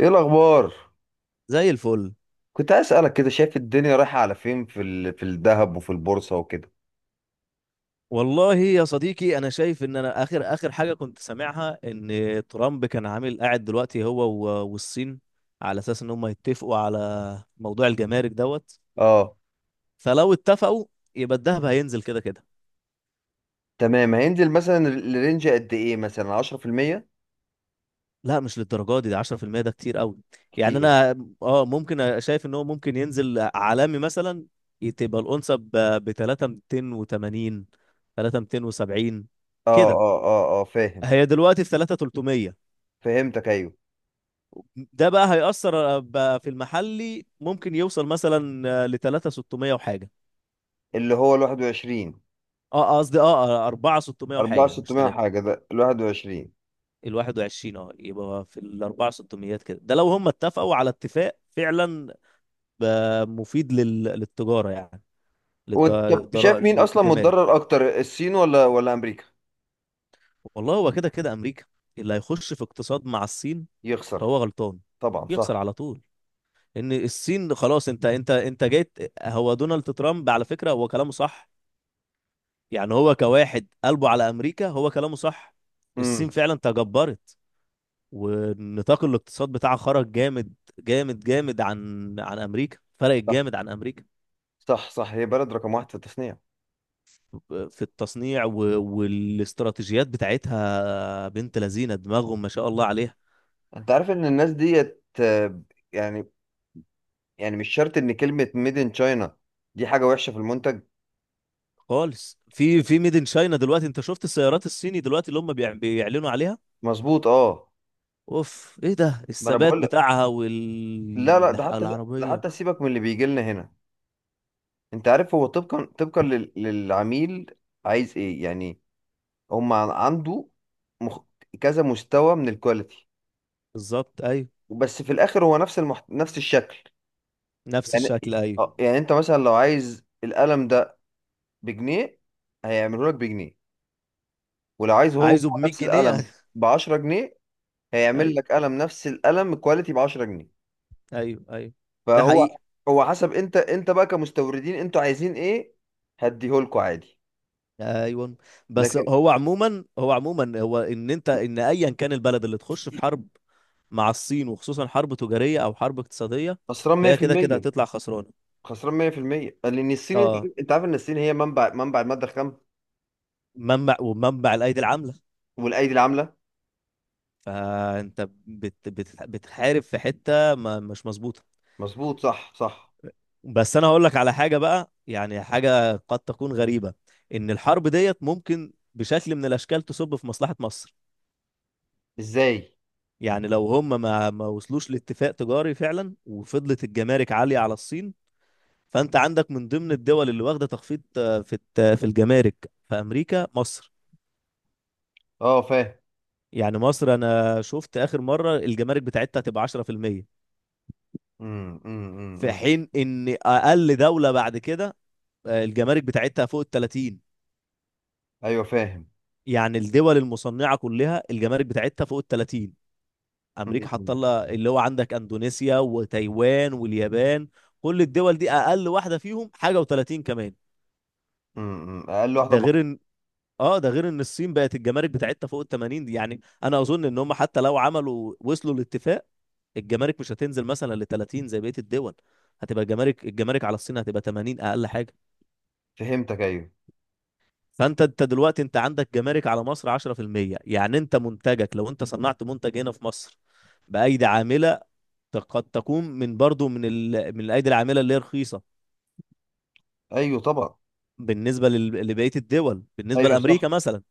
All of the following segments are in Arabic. ايه الاخبار؟ زي الفل. كنت عايز اسالك كده، شايف الدنيا رايحه على فين في الذهب وفي البورصه وكده؟ والله يا صديقي، انا شايف ان انا اخر اخر حاجه كنت سامعها ان ترامب كان عامل قاعد دلوقتي هو والصين، على اساس ان هم يتفقوا على موضوع الجمارك دوت. اه. فلو اتفقوا يبقى الذهب هينزل كده كده. تمام، هينزل مثلا الرينج قد ايه، مثلا 10%؟ لا مش للدرجه دي، ده 10%، ده كتير قوي. يعني كتير. انا شايف ان هو ممكن ينزل عالمي مثلا، تبقى الأونصة ب 3280، 3270 اه، كده. اه، اه، اه، فاهم. هي دلوقتي في 3300. فهمتك، ايوه. ده بقى هيأثر بقى في المحلي، ممكن يوصل مثلا ل 3600 وحاجه. اللي هو ال 21؟ اه قصدي 4600 وحاجه، مش 4600 3. حاجه، ده ال 21. ال 21، يبقى في ال 4600 كده، ده لو هم اتفقوا على اتفاق فعلا. مفيد للتجاره يعني، وانت شايف مين اصلا للجمارك. متضرر اكتر، الصين ولا امريكا؟ والله هو كده كده امريكا اللي هيخش في اقتصاد مع الصين، يخسر. فهو غلطان، طبعا يخسر صح. على طول. ان الصين خلاص. انت جيت. هو دونالد ترامب، على فكره هو كلامه صح. يعني هو كواحد قلبه على امريكا، هو كلامه صح. الصين امم. فعلا تجبرت، ونطاق الاقتصاد بتاعها خرج جامد جامد جامد عن امريكا، فرقت صح، جامد عن امريكا. صح، صح، هي بلد رقم واحد في التصنيع. في التصنيع والاستراتيجيات بتاعتها بنت لذينه دماغهم، ما شاء الله عليها. انت عارف ان الناس ديت، يعني، يعني مش شرط ان كلمة ميد ان تشاينا دي حاجة وحشة في المنتج. خالص في ميد ان شاينا. دلوقتي انت شفت السيارات الصيني دلوقتي اللي هم بيعلنوا عليها، مظبوط، اه. اوف، ايه ده ما انا الثبات بقول لك. بتاعها لا، لا، ده حتى، ده والعربيه. حتى سيبك من اللي بيجي لنا هنا. انت عارف، هو طبقا للعميل، عايز ايه يعني؟ هم عنده مخ... كذا مستوى من الكواليتي، بالظبط ايوه. بس في الاخر هو نفس الشكل. نفس الشكل يعني ايوه. يعني انت مثلا لو عايز القلم ده بجنيه، هيعمله لك بجنيه. ولو عايز هو عايزه ب 100 نفس جنيه القلم ب 10 جنيه، هيعمل ايوه، لك قلم نفس القلم كواليتي ب 10 جنيه. ايوه، ايوه، ده فهو، حقيقي. هو حسب انت بقى كمستوردين انتوا عايزين ايه، هديهولكوا عادي. ايوه. بس لكن هو عموما، هو ان انت، ان ايا كان البلد اللي تخش في حرب مع الصين، وخصوصا حرب تجاريه او حرب اقتصاديه، خسران فهي كده كده 100%. هتطلع خسرانه. خسران 100% لان الصين، اه. انت عارف ان الصين هي منبع الماده الخام منبع ومنبع الايدي العامله. والايدي العامله. فانت بت بتحارب في حته ما مش مظبوطه. مظبوط، صح، صح. بس انا هقول لك على حاجه بقى، يعني حاجه قد تكون غريبه، ان الحرب ديت ممكن بشكل من الاشكال تصب في مصلحه مصر. ازاي؟ يعني لو هم ما وصلوش لاتفاق تجاري فعلا، وفضلت الجمارك عالية على الصين، فانت عندك من ضمن الدول اللي واخدة تخفيض في الجمارك في امريكا، مصر. اه، فاهم. يعني مصر، انا شفت اخر مرة الجمارك بتاعتها تبقى 10% في المية، امم، امم، امم، في حين ان اقل دولة بعد كده الجمارك بتاعتها فوق ال 30. ايوه، فاهم. يعني الدول المصنعة كلها الجمارك بتاعتها فوق ال 30. امم، امريكا حاطه امم، لها، اللي هو عندك اندونيسيا وتايوان واليابان، كل الدول دي اقل واحده فيهم حاجه و30 كمان. إمم. اقل واحده ده غير ان، الصين بقت الجمارك بتاعتها فوق ال 80 دي. يعني انا اظن ان هم حتى لو عملوا وصلوا لاتفاق، الجمارك مش هتنزل مثلا ل 30 زي بقيه الدول. هتبقى الجمارك على الصين هتبقى 80 اقل حاجه. فهمتك، ايوه. فانت دلوقتي انت عندك جمارك على مصر 10%. يعني انت منتجك لو انت صنعت منتج هنا في مصر بايدي عامله، قد تكون من برضو من الايدي العامله اللي هي رخيصه، ايوه طبعا. بالنسبه لبقيه الدول، بالنسبه ايوه لامريكا صح. مثلا.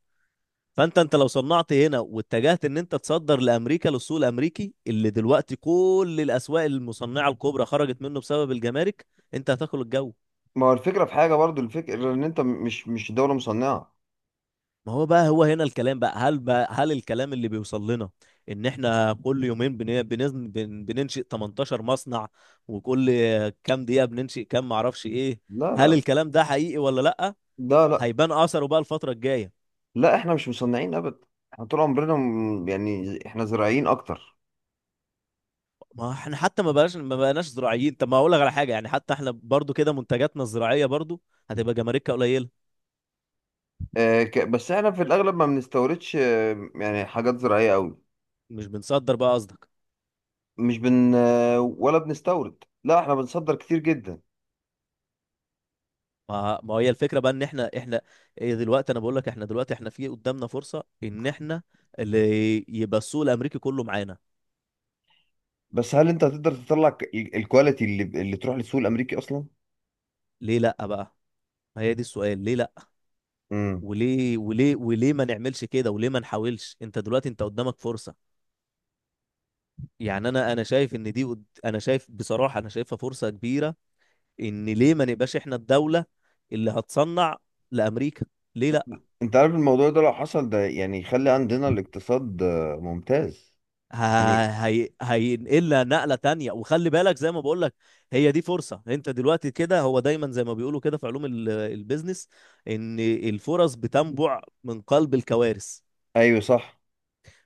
فانت لو صنعت هنا واتجهت ان انت تصدر لامريكا، للسوق الامريكي اللي دلوقتي كل الاسواق المصنعه الكبرى خرجت منه بسبب الجمارك، انت هتاكل الجو. ما هو الفكره في حاجه، برضو الفكره ان انت مش دوله مصنعه. ما هو بقى هو هنا الكلام بقى، هل الكلام اللي بيوصل لنا ان احنا كل يومين بننشئ 18 مصنع، وكل كام دقيقه بننشئ كام معرفش ايه، لا، هل لا، الكلام ده حقيقي ولا لا؟ لا، لا، هيبان اثره بقى الفتره الجايه. لا، احنا مش مصنعين ابدا. احنا طول عمرنا يعني احنا زراعيين اكتر. ما احنا حتى ما بقناش زراعيين. طب ما اقول لك على حاجه، يعني حتى احنا برضو كده منتجاتنا الزراعيه برضو هتبقى جماركها قليله. بس احنا في الاغلب ما بنستوردش، يعني حاجات زراعيه قوي. مش بنصدر بقى قصدك. مش بن آه، ولا بنستورد، لا، احنا بنصدر كتير جدا. ما هي الفكره بقى، ان احنا، ايه، دلوقتي انا بقول لك احنا دلوقتي احنا في قدامنا فرصه، ان احنا اللي يبقى السوق الامريكي كله معانا. بس هل انت هتقدر تطلع الكواليتي اللي تروح للسوق الامريكي اصلا؟ ليه لا بقى. ما هي دي السؤال، ليه لا. امم. وليه ما نعملش كده، وليه ما نحاولش. انت دلوقتي انت قدامك فرصه. يعني انا شايف ان دي انا شايف بصراحه انا شايفها فرصه كبيره، ان ليه ما نبقاش احنا الدولة اللي هتصنع لامريكا، ليه لا. انت عارف الموضوع ده لو حصل، ده يعني يخلي عندنا الاقتصاد ممتاز. يعني هينقلها نقلة تانية، وخلي بالك زي ما بقول لك، هي دي فرصة. انت دلوقتي كده، هو دايما زي ما بيقولوا كده في علوم البيزنس، ان الفرص بتنبع من قلب الكوارث. ايوه، صح،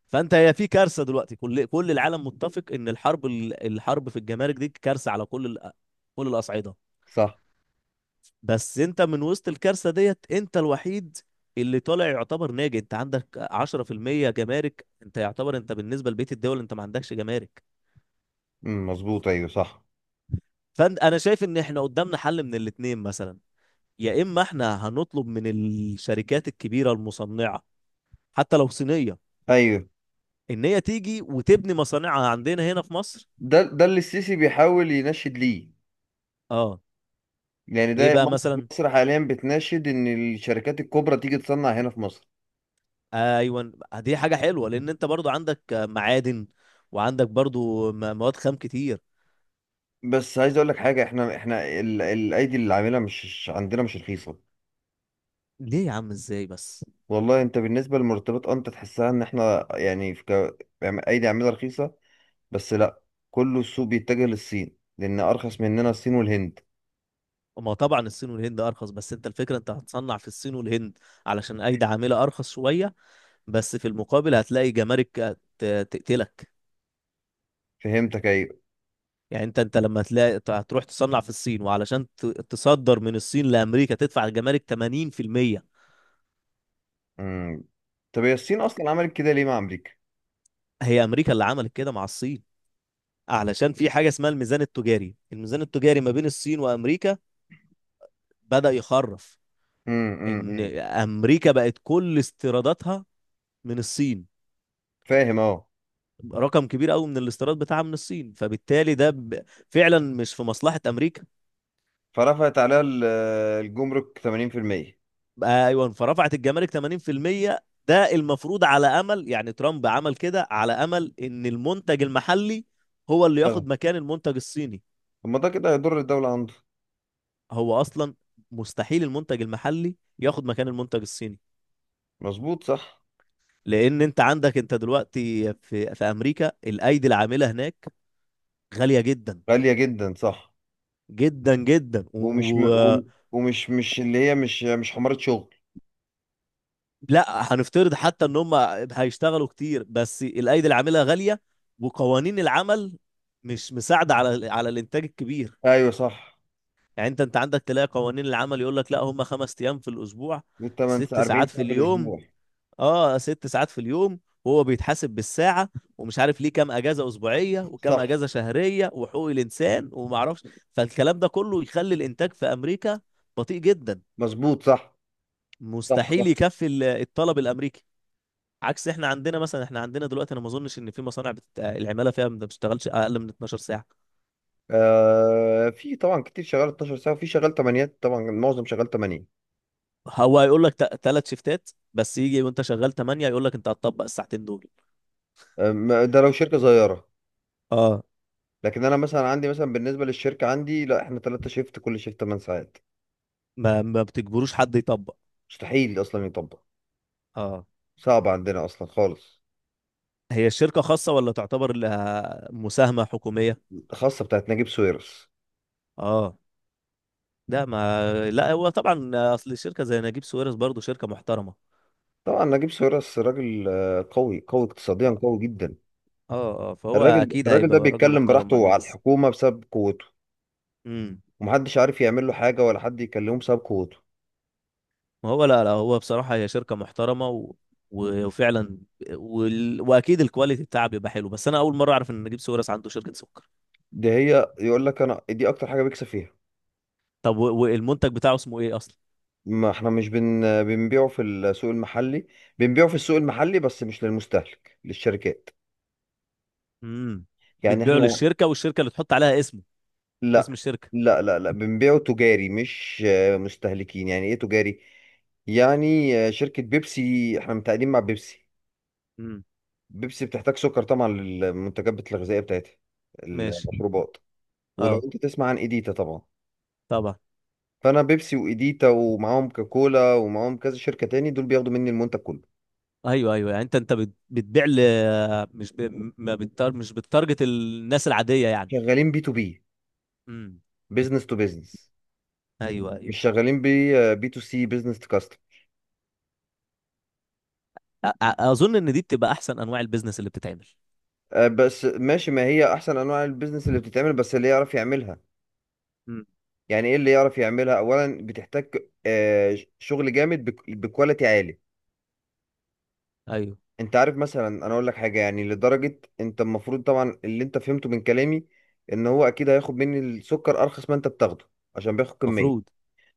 فانت هي في كارثة دلوقتي، كل العالم متفق ان الحرب، الحرب في الجمارك دي كارثة على كل الأصعدة. صح. بس انت من وسط الكارثة ديت، انت الوحيد اللي طالع يعتبر ناجي. انت عندك 10% جمارك، انت يعتبر انت بالنسبة لبقية الدول انت ما عندكش جمارك. امم، مظبوط، ايوه، صح. فانا شايف ان احنا قدامنا حل من الاتنين مثلا. يا اما احنا هنطلب من الشركات الكبيرة المصنعة، حتى لو صينية، ايوه، ان هي تيجي وتبني مصانعها عندنا هنا في مصر. ده اللي السيسي بيحاول ينشد ليه. اه. يعني ايه ده بقى مصر مثلا. مصر حاليا بتناشد ان الشركات الكبرى تيجي تصنع هنا في مصر. ايوه. دي حاجة حلوة، لان انت برضو عندك معادن، وعندك برضو مواد خام كتير. بس عايز اقول لك حاجه، احنا الايدي اللي عاملها مش عندنا مش رخيصه. ليه يا عم، ازاي بس. والله انت بالنسبه للمرتبات، انت تحسها ان احنا يعني يعني ايدي عاملها رخيصه. بس لا، كله السوق بيتجه للصين لان ارخص مننا الصين والهند. ما طبعا الصين والهند ارخص، بس انت الفكره انت هتصنع في الصين والهند علشان ايدي عامله ارخص شويه، بس في المقابل هتلاقي جمارك تقتلك. فهمتك، ايوه. يعني انت لما تلاقي هتروح تصنع في الصين، وعلشان تصدر من الصين لامريكا تدفع الجمارك 80%. امم. طب هي الصين اصلا عملت كده ليه مع امريكا؟ هي امريكا اللي عملت كده مع الصين، علشان في حاجه اسمها الميزان التجاري. ما بين الصين وامريكا بدأ يخرف. امم، امم، ان أمم. امريكا بقت كل استيراداتها من الصين، فاهم، اه. رقم كبير قوي من الاستيراد بتاعها من الصين، فبالتالي فعلا مش في مصلحة امريكا. فرفعت عليها الجمرك 80%. بقى ايوه، فرفعت الجمارك 80%. ده المفروض على امل، يعني ترامب عمل كده على امل ان المنتج المحلي هو اللي ياخد طب مكان المنتج الصيني. ما ده كده هيضر الدوله عنده. هو اصلا مستحيل المنتج المحلي ياخد مكان المنتج الصيني، مظبوط، صح. لان انت عندك انت دلوقتي في امريكا الايدي العامله هناك غاليه جدا، غالية جدا، صح. جدا جدا ومش م... ومش مش اللي هي مش حمارة شغل. لا هنفترض حتى ان هم هيشتغلوا كتير بس الايدي العامله غاليه، وقوانين العمل مش مساعده على الانتاج الكبير. ايوه، صح. يعني انت عندك تلاقي قوانين العمل يقول لك لا، هم خمس ايام في الاسبوع، دي 8 ست ساعة، 40 ساعات في ساعة في اليوم. الاسبوع. اه ست ساعات في اليوم، وهو بيتحاسب بالساعه. ومش عارف ليه كام اجازه اسبوعيه، وكام صح، اجازه شهريه، وحقوق الانسان وما اعرفش. فالكلام ده كله يخلي الانتاج في امريكا بطيء جدا، مظبوط، صح، صح، مستحيل صح. يكفي الطلب الامريكي. عكس احنا عندنا مثلا، احنا عندنا دلوقتي انا ما اظنش ان في مصانع العماله فيها ما بتشتغلش اقل من 12 ساعه. آه، في طبعا كتير شغال 12 ساعة، وفي شغال 8، طبعا معظم شغال 8. هو هيقول لك ثلاث شيفتات بس، يجي وانت شغال 8 يقول لك انت هتطبق الساعتين دول. ده لو شركة صغيرة. اه، لكن انا مثلا عندي، مثلا بالنسبة للشركة عندي، لا، احنا 3 شيفت، كل شيفت 8 ساعات. ما بتجبروش حد يطبق. مستحيل اصلا يطبق. اه. صعب عندنا اصلا خالص. هي الشركه خاصه ولا تعتبر لها مساهمه حكوميه؟ خاصة بتاعت نجيب ساويرس. اه. لا ما لا، هو طبعا اصل الشركه زي نجيب ساويرس برضو شركه محترمه. طبعا نجيب ساويرس راجل قوي قوي اقتصاديا، اه، قوي جدا. اه. فهو الراجل اكيد الراجل ده هيبقى راجل بيتكلم محترم مع براحته على الناس. الحكومة بسبب قوته. امم. ومحدش عارف يعمل له حاجة ولا حد يكلمه بسبب قوته. ما هو لا لا، هو بصراحة هي شركة محترمة وفعلا، واكيد الكواليتي بتاعها بيبقى حلو. بس انا اول مرة اعرف ان نجيب ساويرس عنده شركة سكر. دي هي، يقول لك انا دي اكتر حاجة بيكسب فيها. طب والمنتج بتاعه اسمه ايه اصلا. ما احنا مش بنبيعه في السوق المحلي. بنبيعه في السوق المحلي بس مش للمستهلك، للشركات. امم. يعني بتبيعه احنا، للشركة، والشركة اللي تحط عليها اسمه اسم لا، الشركة. لا، لا، لا، بنبيعه تجاري مش مستهلكين. يعني ايه تجاري؟ يعني شركة بيبسي، احنا متعاقدين مع بيبسي. امم. بيبسي بتحتاج سكر طبعا للمنتجات الغذائيه بتاعتها، ماشي. المشروبات. ولو اه انت تسمع عن ايديتا طبعا. طبعا. فانا بيبسي وايديتا ومعاهم كوكولا ومعاهم كذا شركه تاني، دول بياخدوا مني المنتج كله. ايوه، ايوه. يعني انت بتبيع مش ب... ما بتار... مش بتارجت الناس العادية، يعني. شغالين بي تو بي، امم. بزنس تو بزنس، ايوه، ايوه. مش شغالين بي تو سي، بزنس تو كاستم. أ... أ- اظن ان دي بتبقى احسن انواع البيزنس اللي بتتعمل. بس ماشي، ما هي احسن انواع البيزنس اللي بتتعمل، بس اللي يعرف يعملها. امم. يعني ايه اللي يعرف يعملها؟ اولا بتحتاج شغل جامد بكواليتي عالي. ايوه انت عارف مثلا انا اقول لك حاجه، يعني لدرجه انت المفروض طبعا اللي انت فهمته من كلامي ان هو اكيد هياخد مني السكر ارخص ما انت بتاخده، عشان بياخد كميه. مفروض،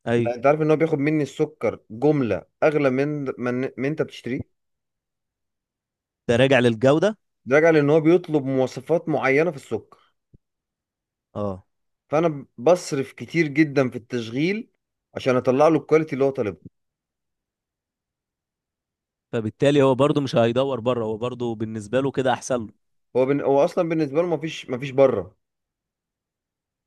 ايوه. لا، انت عارف ان هو بياخد مني السكر جمله اغلى من انت بتشتريه. ده راجع للجودة. ده راجع لان هو بيطلب مواصفات معينه في السكر، اه. فانا بصرف كتير جدا في التشغيل عشان اطلع له الكواليتي اللي هو طالبه. فبالتالي هو برضو مش هيدور بره، هو برضو بالنسبة له كده احسن له. هو اصلا بالنسبه له مفيش بره.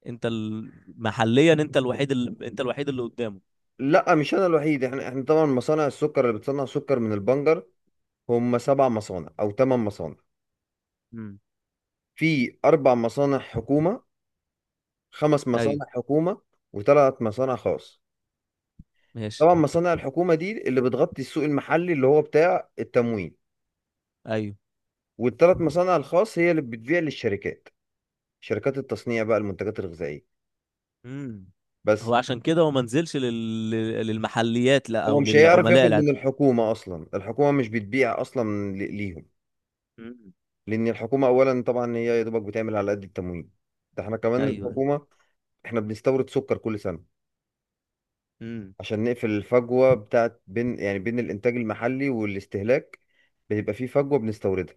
انت ال- محليا انت الوحيد اللي قدامه. لا، مش انا الوحيد، احنا طبعا مصانع السكر اللي بتصنع سكر من البنجر هم سبع مصانع او ثمان مصانع. امم. في اربع مصانع حكومه، خمس ايوه. مصانع حكومه، وثلاث مصانع خاص. ماشي. طبعا مصانع الحكومه دي اللي بتغطي السوق المحلي اللي هو بتاع التموين، ايوه. والثلاث مصانع الخاص هي اللي بتبيع للشركات، شركات التصنيع بقى المنتجات الغذائيه. امم. بس هو عشان كده هو ما نزلش للمحليات، لا، هو او مش هيعرف ياخد للعملاء من العاديين. الحكومه اصلا، الحكومه مش بتبيع اصلا ليهم. امم. لان الحكومه اولا طبعا هي يا دوبك بتعمل على قد التموين. ده احنا كمان ايوه. الحكومه، احنا بنستورد سكر كل سنه امم. عشان نقفل الفجوة بتاعت بين، يعني بين الإنتاج المحلي والاستهلاك، بيبقى في فجوة بنستوردها.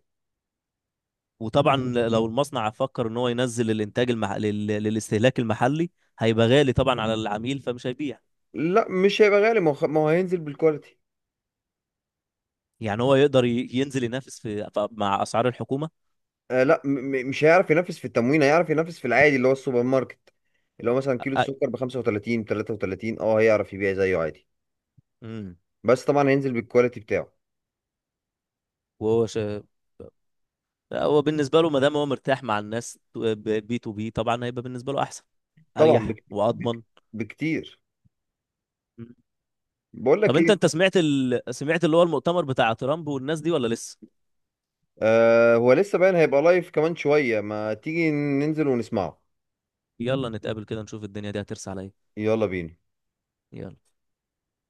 وطبعا لو المصنع فكر ان هو ينزل الانتاج للاستهلاك المحلي، هيبقى غالي طبعا على العميل، فمش هيبيع. لا، مش هيبقى غالي، ما هو هينزل بالكواليتي. يعني هو يقدر ينزل ينافس مع اسعار الحكومة. لا، مش هيعرف ينافس في التموين، هيعرف ينافس في العادي اللي هو السوبر ماركت، اللي هو مثلا كيلو أ- السكر ب 35 ب 33، هيعرف يبيع زيه عادي. امم. بس طبعا هينزل بالكواليتي بتاعه. وهو شا... هو بالنسبة له ما دام هو مرتاح مع الناس بي تو بي، طبعا هيبقى بالنسبة له أحسن، طبعا أريح بك بك وأضمن. بكتير. مم. بقول طب لك أنت ايه. سمعت سمعت اللي هو المؤتمر بتاع ترامب والناس دي ولا لسه؟ آه، هو لسه باين، هيبقى لايف كمان شوية، ما تيجي ننزل ونسمعه. يلا نتقابل كده نشوف الدنيا دي هترسى على إيه. يلا بينا. يلا.